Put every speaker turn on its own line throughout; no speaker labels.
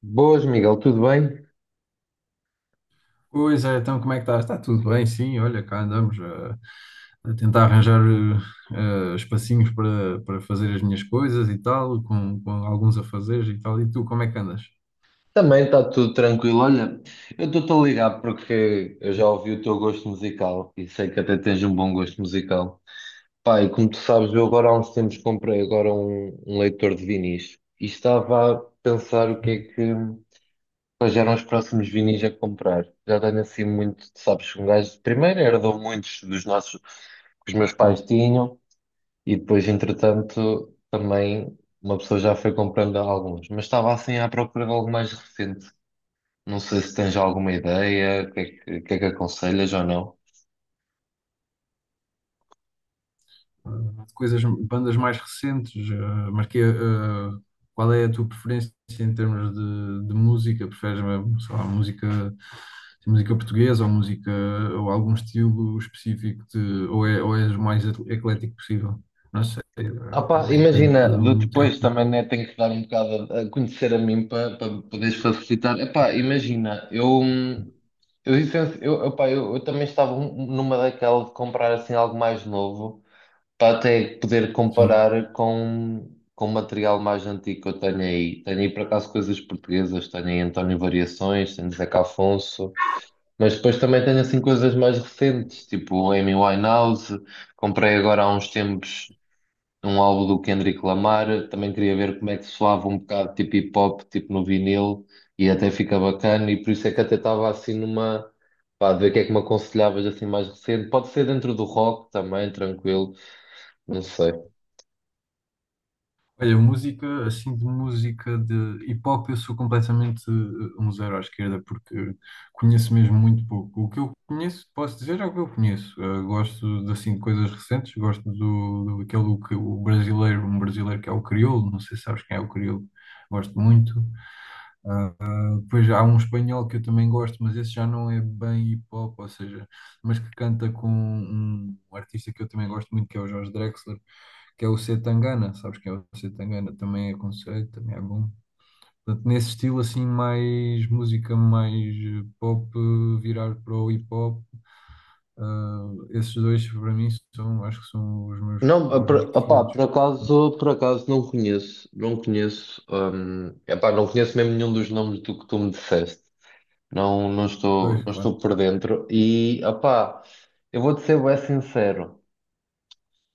Boas, Miguel, tudo bem?
Pois é, então como é que estás? Está tudo bem, sim, olha, cá andamos a tentar arranjar espacinhos para fazer as minhas coisas e tal, com alguns afazeres e tal. E tu, como é que andas?
Também está tudo tranquilo. Olha, eu estou-te a ligar porque eu já ouvi o teu gosto musical e sei que até tens um bom gosto musical. Pai, como tu sabes, eu agora há uns tempos comprei agora um leitor de vinis e estava a pensar o que é
Sim.
que quais eram os próximos vinis a comprar. Já tenho assim muito, sabes, um gajo primeiro herdou muitos dos nossos que os meus pais tinham. E depois, entretanto, também uma pessoa já foi comprando alguns, mas estava assim à procura de algo mais recente. Não sei se tens alguma ideia, o que é que aconselhas ou não.
Coisas, bandas mais recentes, mas que, qual é a tua preferência em termos de música? Preferes, sei lá, música, música portuguesa ou música, ou algum estilo específico de, ou, é, ou és o mais eclético possível? Não sei,
Ah pá,
também depende de
imagina,
cada um.
depois também né, tenho que dar um bocado a conhecer a mim para poderes facilitar. Epá, imagina, eu, licencio- eu, epá, eu também estava numa daquela de comprar assim algo mais novo, para até poder
Sim.
comparar com material mais antigo que eu tenho aí. Tenho aí, por acaso, coisas portuguesas, tenho aí António Variações, tenho Zeca Afonso, mas depois também tenho, assim, coisas mais recentes, tipo Amy Winehouse. Comprei agora há uns tempos um álbum do Kendrick Lamar, também queria ver como é que soava um bocado, tipo hip-hop, tipo no vinil, e até fica bacana, e por isso é que até estava, assim, numa. Pá, de ver o que é que me aconselhavas assim mais recente. Pode ser dentro do rock também, tranquilo, não sei.
Olha, música, assim, de música de hip hop, eu sou completamente um zero à esquerda, porque conheço mesmo muito pouco. O que eu conheço, posso dizer, é o que eu conheço. Gosto de, assim, de coisas recentes, gosto do aquele, que o brasileiro, um brasileiro que é o Criolo, não sei se sabes quem é o Criolo, gosto muito. Depois há um espanhol que eu também gosto, mas esse já não é bem hip hop, ou seja, mas que canta com um artista que eu também gosto muito, que é o Jorge Drexler, que é o C. Tangana, sabes que é o C. Tangana, também é conceito, também é bom. Portanto, nesse estilo assim, mais música, mais pop, virar para o hip hop, ah, esses dois para mim são, acho que são os meus,
Não,
os meus
opá,
preferidos.
por acaso não conheço, não conheço, epá, não conheço mesmo nenhum dos nomes do que tu me disseste. Não, não estou,
Pois,
não
claro,
estou por dentro. E, opá, eu vou-te ser bem sincero,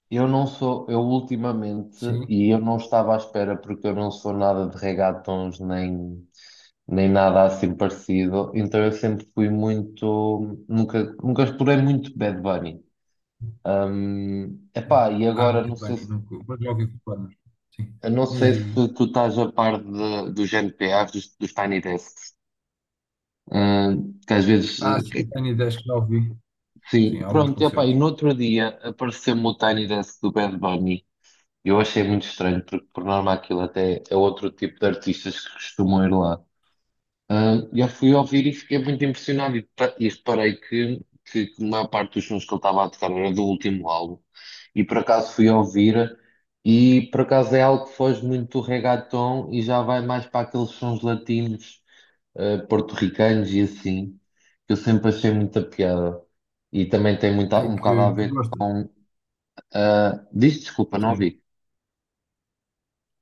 eu não sou, eu ultimamente,
sim.
e eu não estava à espera porque eu não sou nada de regatons nem nada assim parecido, então eu sempre fui muito, nunca, nunca explorei muito Bad Bunny. Epá, e
Ah,
agora
Bad Bunny, nunca, mas já ouvi falar, mas sim.
Não
Diz,
sei
diz,
se
diz.
tu estás a par dos NPAs, dos Tiny Desks. Ah, que às vezes.
Ah, sim, tenho ideias que já ouvi. Sim,
Sim,
alguns
pronto, epá, e
concertos.
no outro dia apareceu-me o Tiny Desk do Bad Bunny. Eu achei muito estranho, porque por norma aquilo até é outro tipo de artistas que costumam ir lá. Ah, eu fui ouvir e fiquei muito impressionado e, e reparei que a maior parte dos sons que ele estava a tocar era do último álbum, e por acaso fui ouvir, e por acaso é algo que foge muito do reggaeton e já vai mais para aqueles sons latinos, ah, porto-ricanos e assim, que eu sempre achei muita piada, e também tem muito,
Aí
um bocado a
que
ver
gostas.
com. Ah, diz desculpa, não
Sim.
ouvi.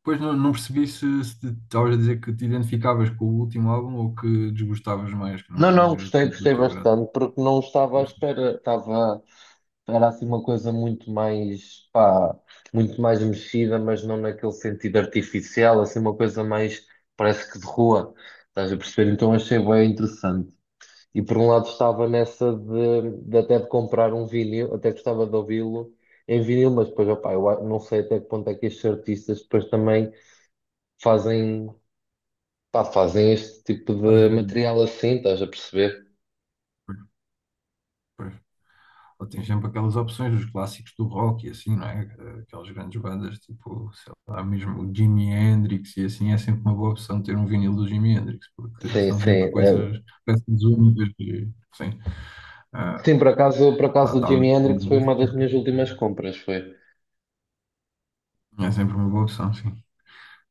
Pois não, não percebi se estavas a dizer que te identificavas com o último álbum ou que desgostavas mais, que não,
Não,
não
não,
era
gostei,
tanto do
gostei
teu grado.
bastante porque não estava à
Pois,
espera, estava. Era assim uma coisa muito mais, pá, muito mais mexida, mas não naquele sentido artificial, assim uma coisa mais, parece que de rua, estás a perceber? Então achei bem interessante. E por um lado estava nessa de até de comprar um vinil, até gostava de ouvi-lo em vinil, mas depois, opá, eu não sei até que ponto é que estes artistas depois também fazem, pá, fazem este tipo de
fazem.
material assim, estás a perceber?
Pois, pois. Ou tens sempre aquelas opções dos clássicos do rock e assim, não é? Aquelas grandes bandas, tipo, sei lá, mesmo o Jimi Hendrix e assim, é sempre uma boa opção ter um vinil do Jimi Hendrix, porque
Sim,
são
sim.
sempre coisas,
É.
peças únicas e, sim, ah,
Sim, por acaso
lá
o
estava.
Jimi Hendrix foi uma das minhas últimas compras, foi.
É sempre uma boa opção, sim.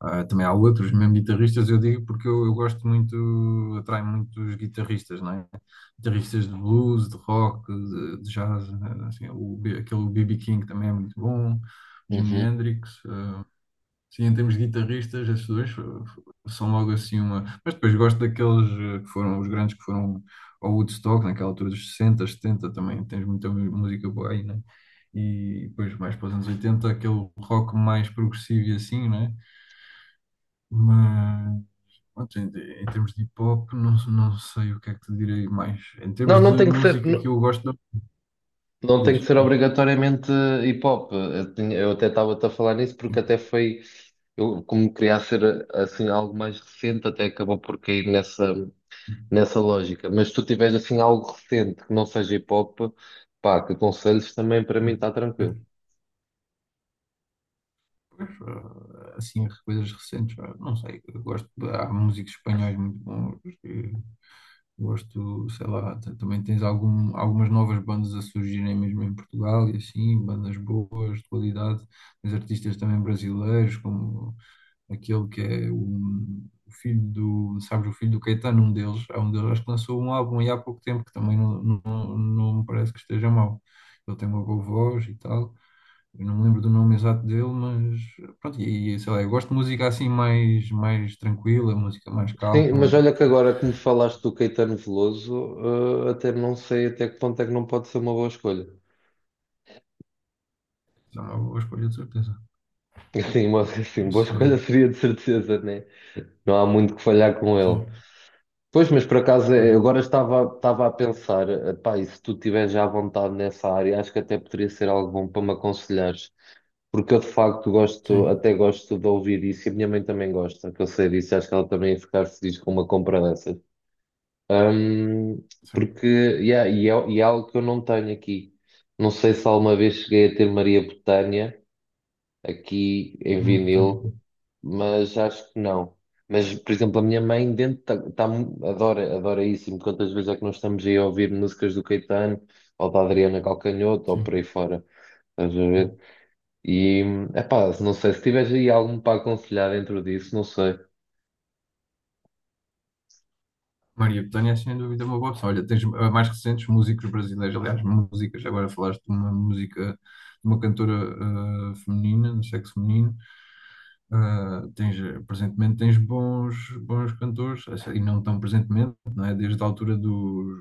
Ah, também há outros, mesmo guitarristas, eu digo porque eu gosto muito, atrai muito os guitarristas, não é? Guitarristas de blues, de rock, de jazz, né? Assim, aquele B.B. King também é muito bom, Jimi
Uhum.
Hendrix, sim, em termos de guitarristas, esses dois são logo assim uma. Mas depois gosto daqueles que foram os grandes que foram ao Woodstock, naquela altura dos 60, 70 também. Tens muita música boa aí, né? E depois, mais para os anos 80, aquele rock mais progressivo e assim, né? Mas, pronto, em termos de hip hop, não, não sei o que é que te direi mais. Em
Não,
termos
não
de
tem que ser,
música que
não,
eu gosto,
não tem que
diz,
ser
diz.
obrigatoriamente hip hop. Eu até estava-te a falar nisso porque até foi, eu, como queria ser assim algo mais recente, até acabou por cair nessa lógica. Mas se tu tiveres assim algo recente que não seja hip hop, pá, que aconselhos também para mim está tranquilo.
Pois, ah, assim, coisas recentes, ah, não sei, eu gosto, há músicos espanhóis muito bons, gosto, sei lá, também tens algumas novas bandas a surgirem mesmo em Portugal e assim, bandas boas, de qualidade, tens artistas também brasileiros, como aquele que é o, filho do, sabes, o filho do Caetano, um deles, é um deles, acho que lançou um álbum aí há pouco tempo, que também não, não, não me parece que esteja mau, ele tem uma boa voz e tal, eu não me lembro do nome exato dele, mas pronto, sei lá, eu gosto de música assim mais tranquila, música mais
Sim, mas
calma,
olha que
porque
agora que me falaste do Caetano Veloso, até não sei até que ponto é que não pode ser uma boa escolha.
é uma boa escolha de certeza.
Assim,
Não
boa escolha
sei.
seria de certeza, né? Não há muito que falhar com ele.
Sim,
Pois, mas por acaso
pois,
agora estava a pensar, pá, e se tu estiveres já à vontade nessa área, acho que até poderia ser algo bom para me aconselhares, porque eu de facto gosto,
sim,
até gosto de ouvir isso e a minha mãe também gosta, que eu sei disso, acho que ela também ia ficar feliz com uma compra dessas. Hum,
certo.
Porque, yeah, e é algo que eu não tenho aqui. Não sei se alguma vez cheguei a ter Maria Botânia aqui em
Maria Bethânia,
vinil, mas acho que não. Mas, por exemplo, a minha mãe dentro adora, adora isso, e me conta às vezes é que nós estamos aí a ouvir músicas do Caetano ou da Adriana Calcanhoto ou
sim,
por aí fora, estás a ver?
sim.
E, epá, não sei, se tiveres aí algum para aconselhar dentro disso, não sei.
Maria Bethânia é sem dúvida uma boa opção. Olha, tens mais recentes músicos brasileiros, aliás, músicas, agora falaste de uma música, de uma cantora feminina, no sexo feminino. Ah, tens, presentemente tens bons cantores, assim, e não tão presentemente, não é? Desde a altura dos.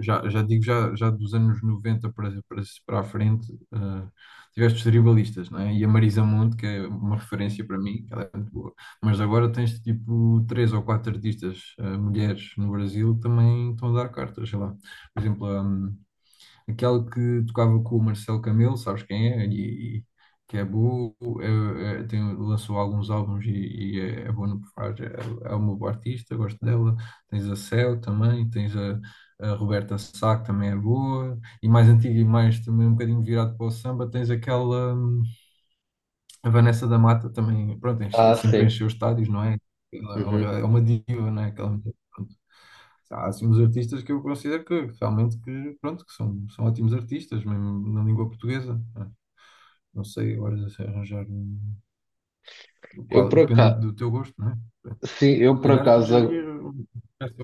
Já, já digo, já dos anos 90 para a frente, ah, tiveste os tribalistas, não é? E a Marisa Monte, que é uma referência para mim, que ela é muito boa. Mas agora tens tipo 3 ou 4 artistas, mulheres no Brasil, que também estão a dar cartas, sei lá. Por exemplo, aquela que tocava com o Marcelo Camelo, sabes quem é? Que é boa, lançou alguns álbuns e é boa no que faz. É uma boa artista, gosto dela. Tens a Céu também, tens a Roberta Sá, que também é boa. E mais antiga e mais também um bocadinho virado para o samba, tens aquela, a Vanessa da Mata também, pronto,
Ah,
sempre
sim.
encheu os estádios, não é? Ela É uma
Uhum.
é uma diva, não é? Aquela mulher. Há assim uns artistas que eu considero que realmente que, pronto, que são ótimos artistas, mesmo na língua portuguesa, né? Não sei agora se arranjar
Eu
qual,
por
depende do,
acaso,
do teu gosto, não é?
sim, eu
Se
por
calhar arranjaria
acaso
essa-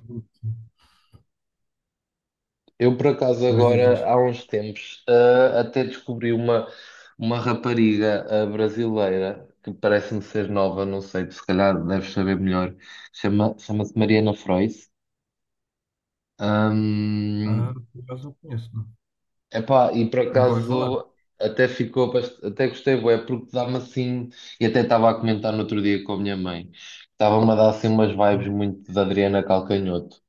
Eu, por acaso,
mas diz,
agora,
diz.
há uns tempos, ah, até descobri uma rapariga brasileira que parece-me ser nova, não sei, tu se calhar deves saber melhor. Chama-se Mariana Frois.
Ah,
Ahm,
por acaso não conheço, não.
Epá, e por
Nunca ouvi falar.
acaso até até gostei, bué, porque dá-me assim, e até estava a comentar no outro dia com a minha mãe, estava-me a dar assim umas vibes
Hum.
muito da Adriana Calcanhoto.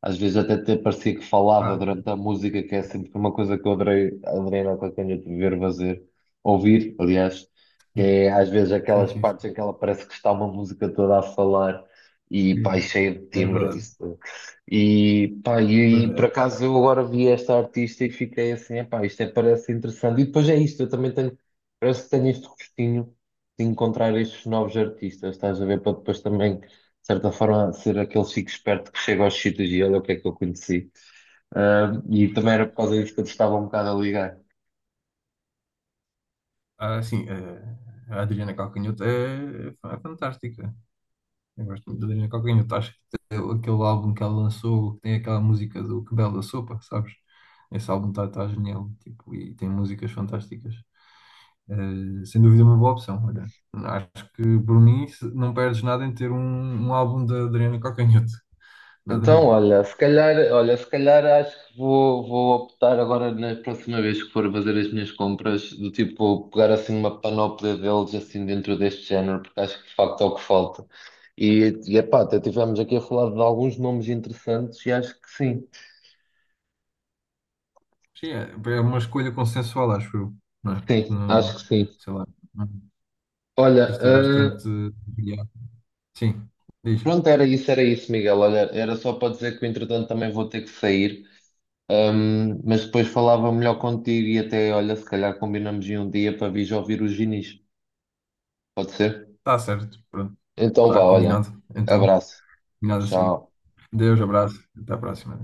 Às vezes até parecia que falava
Ah,
durante a música, que é sempre uma coisa que eu adorei, adorei na Cocanha de ver fazer, ouvir, aliás, que
sim,
é às vezes
sim,
aquelas
sim,
partes
sim.
em que ela parece que está uma música toda a falar, e pá, e
Sim.
cheia de
É
timbre.
verdade.
Isso. E pá,
Pois
por
é.
acaso eu agora vi esta artista e fiquei assim, epá, isto é, parece interessante. E depois é isto, eu também tenho, parece que tenho este gostinho de encontrar estes novos artistas, estás a ver, para depois também certa forma, ser aquele chico esperto que chega aos sítios e olha o que é que eu conheci. Ah, e também era por causa disso que eu te estava um bocado a ligar.
Ah, sim, a Adriana Calcanhoto é fantástica. Eu gosto muito da Adriana Calcanhoto. Acho que tem aquele álbum que ela lançou, que tem aquela música do Que Bela Sopa, sabes? Esse álbum está genial, tipo, e tem músicas fantásticas. Sem dúvida é uma boa opção, olha. Acho que por mim não perdes nada em ter um álbum da Adriana Calcanhoto. Nada
Então,
mesmo.
olha, se calhar acho que vou optar agora na próxima vez que for fazer as minhas compras, do tipo pegar assim uma panóplia deles assim dentro deste género, porque acho que de facto é o que falta. E epá, até estivemos aqui a falar de alguns nomes interessantes e acho que sim,
Sim, é uma escolha consensual, acho eu, não é? Porque
sim, acho
não,
que sim.
sei lá, é um
Olha,
artista bastante variado. Sim, diz.
pronto, era isso, Miguel. Olha, era só para dizer que entretanto também vou ter que sair. Mas depois falava melhor contigo e até, olha, se calhar combinamos em um dia para vir ouvir os Ginis. Pode ser?
Está certo, pronto,
Então vá,
está
olha.
combinado. Então,
Abraço.
combinado assim.
Tchau.
Deus, abraço. Até a próxima.